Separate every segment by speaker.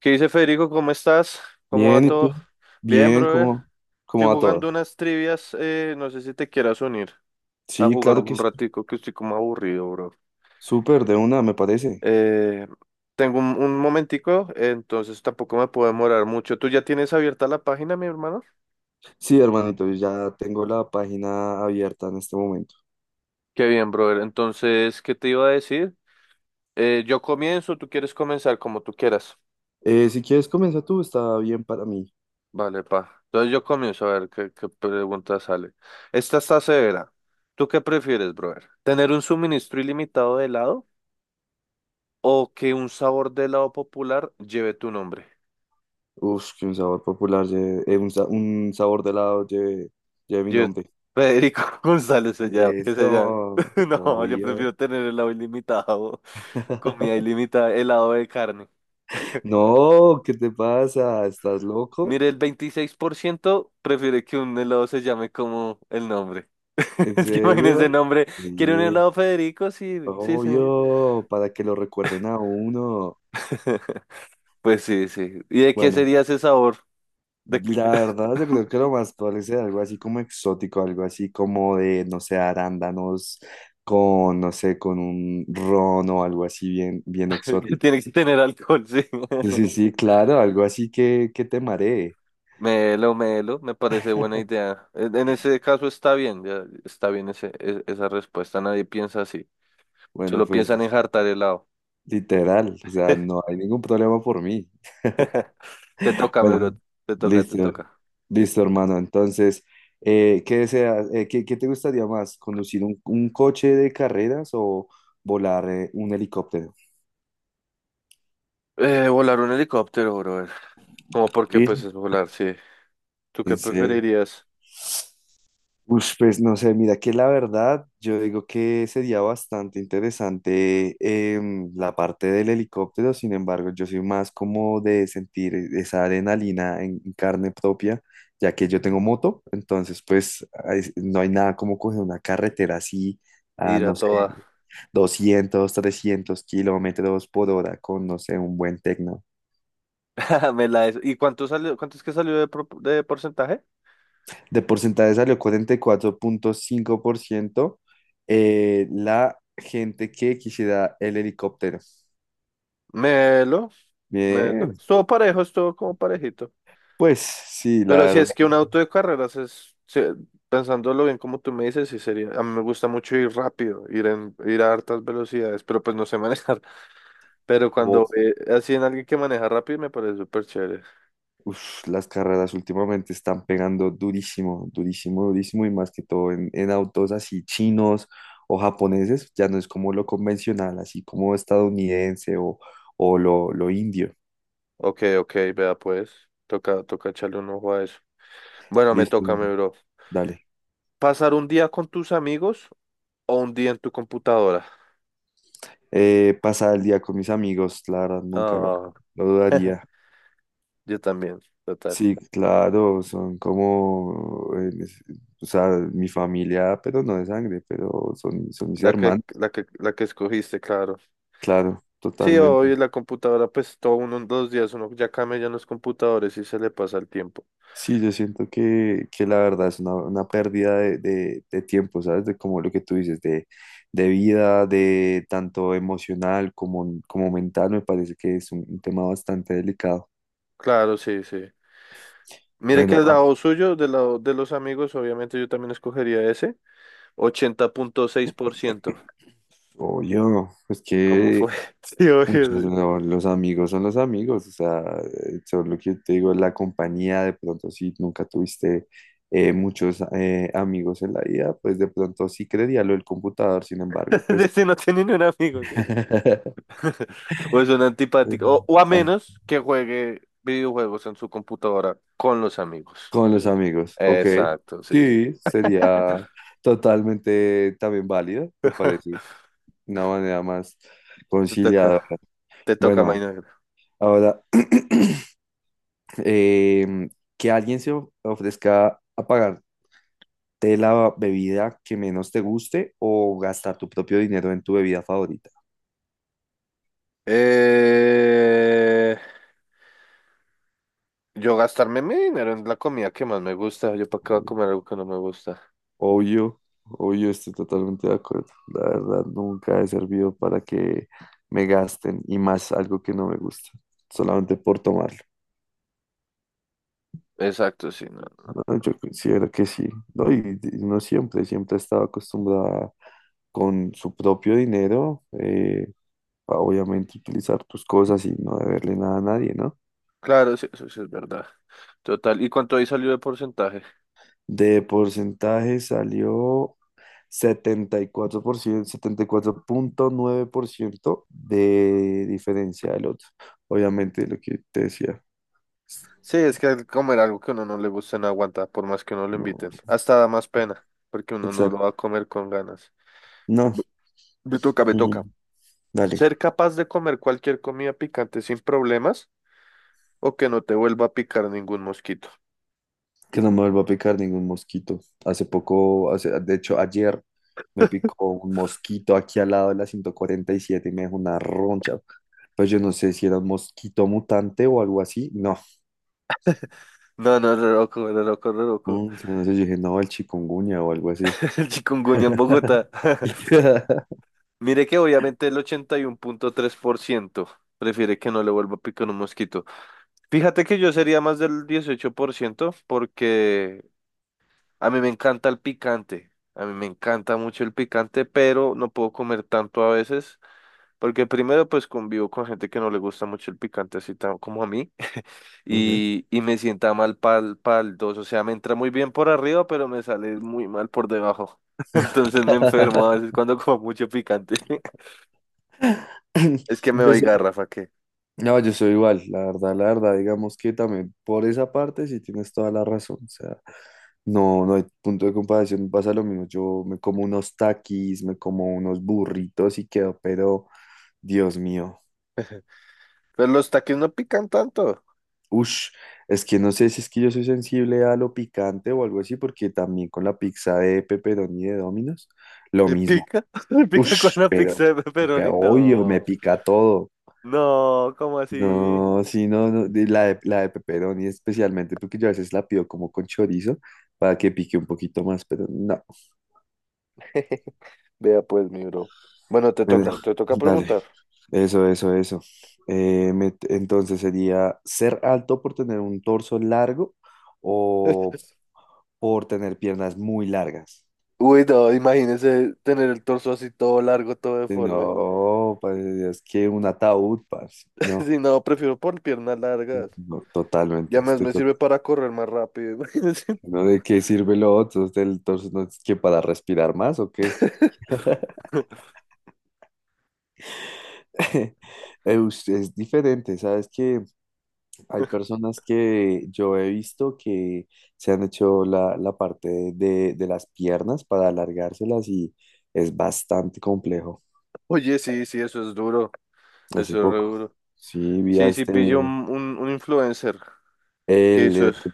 Speaker 1: ¿Qué dice Federico? ¿Cómo estás? ¿Cómo va
Speaker 2: Bien, ¿y tú?
Speaker 1: todo? Bien,
Speaker 2: Bien,
Speaker 1: brother.
Speaker 2: ¿cómo,
Speaker 1: Estoy
Speaker 2: cómo va
Speaker 1: jugando
Speaker 2: todo?
Speaker 1: unas trivias. No sé si te quieras unir a
Speaker 2: Sí,
Speaker 1: jugar
Speaker 2: claro que
Speaker 1: un
Speaker 2: sí.
Speaker 1: ratico, que estoy como aburrido, bro.
Speaker 2: Súper, de una, me parece.
Speaker 1: Eh, Tengo un momentico, entonces tampoco me puedo demorar mucho. ¿Tú ya tienes abierta la página, mi hermano?
Speaker 2: Sí, hermanito, yo ya tengo la página abierta en este momento.
Speaker 1: Qué bien, brother. Entonces, ¿qué te iba a decir? Yo comienzo, tú quieres comenzar como tú quieras.
Speaker 2: Si quieres, comienza tú, está bien para mí.
Speaker 1: Vale, pa. Entonces yo comienzo a ver qué pregunta sale. Esta está severa. ¿Tú qué prefieres, brother? ¿Tener un suministro ilimitado de helado o que un sabor de helado popular lleve tu nombre?
Speaker 2: Uf, que un sabor popular, un sabor de helado lleve mi
Speaker 1: Yo,
Speaker 2: nombre.
Speaker 1: Federico González se llama, que se llama.
Speaker 2: Eso,
Speaker 1: No, yo
Speaker 2: obvio.
Speaker 1: prefiero tener helado ilimitado, comida ilimitada, helado de carne.
Speaker 2: No, ¿qué te pasa? ¿Estás loco?
Speaker 1: Mire, el 26% prefiere que un helado se llame como el nombre.
Speaker 2: ¿En
Speaker 1: Es que imagínese el
Speaker 2: serio?
Speaker 1: nombre. ¿Quiere un
Speaker 2: Sí,
Speaker 1: helado Federico? Sí, sí, sí.
Speaker 2: obvio, para que lo recuerden a uno.
Speaker 1: Pues sí, sí. ¿Y de qué
Speaker 2: Bueno.
Speaker 1: sería ese sabor? De que,
Speaker 2: La verdad, yo creo que lo más probable es algo así como exótico, algo así como de, no sé, arándanos con, no sé, con un ron o algo así bien, bien
Speaker 1: que
Speaker 2: exótico.
Speaker 1: tiene que tener alcohol, sí.
Speaker 2: Sí, sí, sí, claro, algo así que te maree.
Speaker 1: Melo, melo, me parece buena idea. En ese caso está bien, ya está bien ese, esa respuesta. Nadie piensa así.
Speaker 2: Bueno,
Speaker 1: Solo piensan en
Speaker 2: pues
Speaker 1: jartar helado.
Speaker 2: literal, o sea, no hay ningún problema por mí.
Speaker 1: Te toca, mi
Speaker 2: Bueno,
Speaker 1: bro. Te toca, te
Speaker 2: listo,
Speaker 1: toca.
Speaker 2: listo, hermano. Entonces, ¿qué deseas? ¿Qué te gustaría más? ¿Conducir un coche de carreras o volar un helicóptero?
Speaker 1: Volar un helicóptero, brother. Como porque pues es volar, sí. ¿Tú qué
Speaker 2: ¿Sí?
Speaker 1: preferirías?
Speaker 2: Ush, pues no sé, mira que la verdad, yo digo que sería bastante interesante, la parte del helicóptero. Sin embargo, yo soy más como de sentir esa adrenalina en carne propia, ya que yo tengo moto. Entonces pues ay, no hay nada como coger una carretera así a,
Speaker 1: Ir a
Speaker 2: no sé,
Speaker 1: toda.
Speaker 2: 200 300 km/h con, no sé, un buen techno.
Speaker 1: ¿Y cuánto salió? ¿Cuánto es que salió de porcentaje?
Speaker 2: De porcentaje salió 44,5%, la gente que quisiera el helicóptero.
Speaker 1: Melo, melo.
Speaker 2: Bien,
Speaker 1: Estuvo parejo, estuvo como parejito.
Speaker 2: pues sí, la
Speaker 1: Pero si
Speaker 2: verdad.
Speaker 1: es que un auto de carreras pensándolo bien como tú me dices, sí sería, a mí me gusta mucho ir rápido, ir a hartas velocidades, pero pues no sé manejar. Pero cuando
Speaker 2: Oh,
Speaker 1: así en alguien que maneja rápido me parece súper chévere.
Speaker 2: uf, las carreras últimamente están pegando durísimo, durísimo, durísimo, y más que todo en autos así chinos o japoneses. Ya no es como lo convencional, así como estadounidense, o lo indio.
Speaker 1: Ok, ok, vea pues, toca, toca echarle un ojo a eso. Bueno, me
Speaker 2: Listo,
Speaker 1: toca, mi bro.
Speaker 2: dale.
Speaker 1: ¿Pasar un día con tus amigos o un día en tu computadora?
Speaker 2: Pasar el día con mis amigos, la verdad, nunca lo,
Speaker 1: Ah,
Speaker 2: lo dudaría.
Speaker 1: yo también, total.
Speaker 2: Sí, claro, son como, o sea, mi familia, pero no de sangre, pero son, mis
Speaker 1: La que,
Speaker 2: hermanos,
Speaker 1: la que, la que escogiste, claro.
Speaker 2: claro,
Speaker 1: Sí, hoy
Speaker 2: totalmente.
Speaker 1: la computadora, pues todo uno en dos días, uno ya cambia ya en los computadores y se le pasa el tiempo.
Speaker 2: Sí, yo siento que la verdad es una pérdida de tiempo, ¿sabes? De como lo que tú dices, de vida, de tanto emocional como mental. Me parece que es un tema bastante delicado.
Speaker 1: Claro, sí, sí. Mire que
Speaker 2: Bueno,
Speaker 1: el lado suyo, del lado de los amigos, obviamente yo también escogería ese, 80.6%.
Speaker 2: oye, no, es
Speaker 1: ¿Cómo
Speaker 2: que
Speaker 1: fue? Sí, obvio.
Speaker 2: muchos
Speaker 1: Sí.
Speaker 2: no, los amigos son los amigos, o sea, son lo que yo te digo, es la compañía. De pronto si nunca tuviste muchos amigos en la vida, pues de pronto sí creería lo del computador. Sin embargo, pues
Speaker 1: Ese no tiene ni un amigo, sí. O es un antipático. O a
Speaker 2: ah,
Speaker 1: menos que juegue videojuegos en su computadora con los amigos.
Speaker 2: con los
Speaker 1: Eso es-
Speaker 2: amigos, ok,
Speaker 1: Exacto, sí, sí.
Speaker 2: sí, sería totalmente también válido. Me parece una manera más
Speaker 1: Te
Speaker 2: conciliadora.
Speaker 1: toca, te toca,
Speaker 2: Bueno,
Speaker 1: Maynard.
Speaker 2: ahora, em, que alguien se ofrezca a pagar de la bebida que menos te guste o gastar tu propio dinero en tu bebida favorita.
Speaker 1: Eh... Yo gastarme mi dinero en la comida que más me gusta. Yo para qué voy a comer algo que no me gusta.
Speaker 2: Obvio, obvio, estoy totalmente de acuerdo. La verdad, nunca he servido para que me gasten y más algo que no me gusta, solamente por tomarlo.
Speaker 1: Exacto, sí, no. No.
Speaker 2: ¿No? Yo considero que sí, ¿no? Y no siempre, siempre ha estado acostumbrada con su propio dinero, a obviamente utilizar tus cosas y no deberle nada a nadie, ¿no?
Speaker 1: Claro, sí, eso sí es verdad. Total. ¿Y cuánto ahí salió de porcentaje?
Speaker 2: De porcentaje salió setenta y cuatro por ciento, 74,9% de diferencia del otro. Obviamente lo que te decía.
Speaker 1: Sí, es que el comer algo que a uno no le gusta no aguanta, por más que uno lo inviten.
Speaker 2: No,
Speaker 1: Hasta da más pena, porque uno no lo va
Speaker 2: exacto.
Speaker 1: a comer con ganas.
Speaker 2: No,
Speaker 1: Bu- Me toca, me
Speaker 2: ujú.
Speaker 1: toca.
Speaker 2: Dale,
Speaker 1: ¿Ser capaz de comer cualquier comida picante sin problemas o que no te vuelva a picar ningún mosquito?
Speaker 2: que no me vuelva a picar ningún mosquito. Hace poco, de hecho, ayer me picó un mosquito aquí al lado de la 147 y siete, y me dejó una roncha. Pues yo no sé si era un mosquito mutante o algo así. No,
Speaker 1: No, no, re loco, re loco, re loco.
Speaker 2: yo no sé, yo dije, no, el chikungunya o algo así.
Speaker 1: El chikungunya en Bogotá. Mire que obviamente el 81.3% prefiere que no le vuelva a picar un mosquito. Fíjate que yo sería más del 18% porque a mí me encanta el picante. A mí me encanta mucho el picante, pero no puedo comer tanto a veces. Porque primero pues convivo con gente que no le gusta mucho el picante, así como a mí.
Speaker 2: Ok.
Speaker 1: Y me sienta mal pal dos. O sea, me entra muy bien por arriba, pero me sale muy mal por debajo. Entonces me enfermo a veces cuando como mucho picante. Es que me
Speaker 2: Yo
Speaker 1: doy
Speaker 2: soy-
Speaker 1: garrafa.
Speaker 2: no, yo soy igual, la verdad, digamos que también por esa parte sí tienes toda la razón. O sea, no, no hay punto de comparación, pasa lo mismo, yo me como unos taquis, me como unos burritos y quedo, pero Dios mío,
Speaker 1: Pero los taquis no pican tanto.
Speaker 2: ush, es que no sé si es que yo soy sensible a lo picante o algo así, porque también con la pizza de pepperoni de Domino's, lo
Speaker 1: ¿Te
Speaker 2: mismo.
Speaker 1: pica? ¿Te pica con
Speaker 2: Ush,
Speaker 1: una pizza
Speaker 2: pero
Speaker 1: de pepperoni?
Speaker 2: obvio,
Speaker 1: No,
Speaker 2: me pica todo.
Speaker 1: no, ¿cómo así?
Speaker 2: No, sí, no, no, la de pepperoni especialmente, porque yo a veces la pido como con chorizo para que pique un poquito más, pero no.
Speaker 1: Vea pues, mi bro. Bueno,
Speaker 2: Bueno,
Speaker 1: te toca
Speaker 2: dale.
Speaker 1: preguntar.
Speaker 2: Eso, eso, eso. Entonces sería ser alto por tener un torso largo o por tener piernas muy largas.
Speaker 1: Uy, no, imagínese tener el torso así todo largo, todo deforme.
Speaker 2: No, padre de Dios, que un ataúd, parce. No,
Speaker 1: Si no, prefiero por piernas largas.
Speaker 2: no, totalmente.
Speaker 1: Ya más
Speaker 2: Estoy.
Speaker 1: me sirve para correr más rápido, imagínese.
Speaker 2: ¿No de qué sirve lo otro? ¿Del torso no es que para respirar más o qué? Es diferente, ¿sabes? Que hay personas que yo he visto que se han hecho la parte de las piernas para alargárselas, y es bastante complejo.
Speaker 1: Oye, sí, sí, eso es duro.
Speaker 2: Hace
Speaker 1: Eso es re
Speaker 2: poco,
Speaker 1: duro.
Speaker 2: sí, vi a
Speaker 1: Sí, sí,
Speaker 2: este,
Speaker 1: pillo un,
Speaker 2: el,
Speaker 1: un, un influencer que hizo
Speaker 2: el
Speaker 1: eso.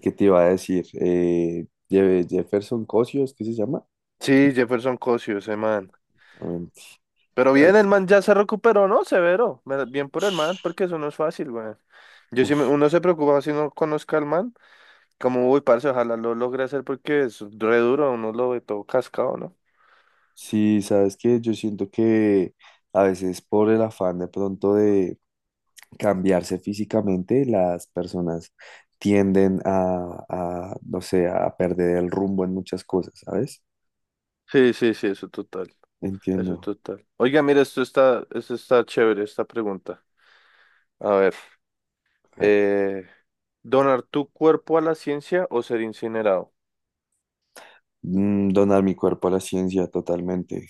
Speaker 2: que te iba a decir, Jefferson Cosio, ¿es que se llama?
Speaker 1: Sí, Jefferson Cosio, ese man.
Speaker 2: También.
Speaker 1: Pero bien, el man ya se recuperó, ¿no? Severo. Bien por el man, porque eso no es fácil, güey. Yo sí, uno se preocupa si no conozca al man, como, uy, parce, ojalá lo logre hacer porque es re duro, uno lo ve todo cascado, ¿no?
Speaker 2: Sí, sabes que yo siento que a veces por el afán de pronto de cambiarse físicamente, las personas tienden no sé, a perder el rumbo en muchas cosas, ¿sabes?
Speaker 1: Sí, sí, sí, eso total, eso
Speaker 2: Entiendo.
Speaker 1: total. Oiga, mira, esto está chévere, esta pregunta. A ver,
Speaker 2: A ver,
Speaker 1: eh, ¿donar tu cuerpo a la ciencia o ser incinerado?
Speaker 2: donar mi cuerpo a la ciencia totalmente,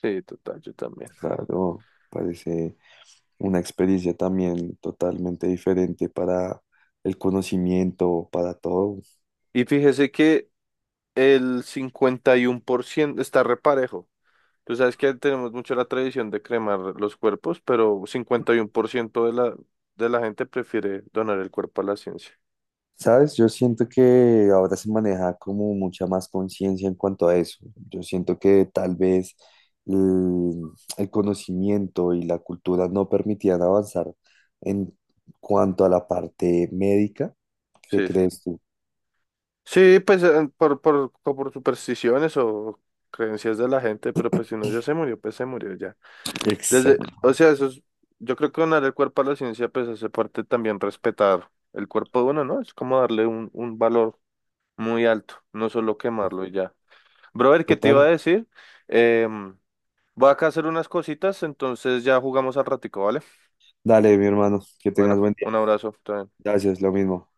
Speaker 1: Sí, total, yo también.
Speaker 2: claro. Parece una experiencia también totalmente diferente para el conocimiento, para todo.
Speaker 1: Y fíjese que el 51% está reparejo. Tú sabes que tenemos mucho la tradición de cremar los cuerpos, pero 51% de la gente prefiere donar el cuerpo a la ciencia.
Speaker 2: ¿Sabes? Yo siento que ahora se maneja como mucha más conciencia en cuanto a eso. Yo siento que tal vez el, el conocimiento y la cultura no permitían avanzar en cuanto a la parte médica. ¿Qué
Speaker 1: Sí, sí.
Speaker 2: crees tú?
Speaker 1: Sí, pues o por supersticiones o creencias de la gente, pero pues si uno ya se murió, pues se murió ya. Desde,
Speaker 2: Exacto.
Speaker 1: o sea, eso es, yo creo que donar el cuerpo a la ciencia, pues hace parte también respetar el cuerpo de uno, ¿no? Es como darle un valor muy alto, no solo quemarlo y ya. Brother, ¿qué te iba a
Speaker 2: Total.
Speaker 1: decir? Em, Voy acá a hacer unas cositas, entonces ya jugamos al ratico, ¿vale?
Speaker 2: Dale, mi hermano, que
Speaker 1: Bueno,
Speaker 2: tengas buen día.
Speaker 1: un abrazo.
Speaker 2: Gracias, lo mismo.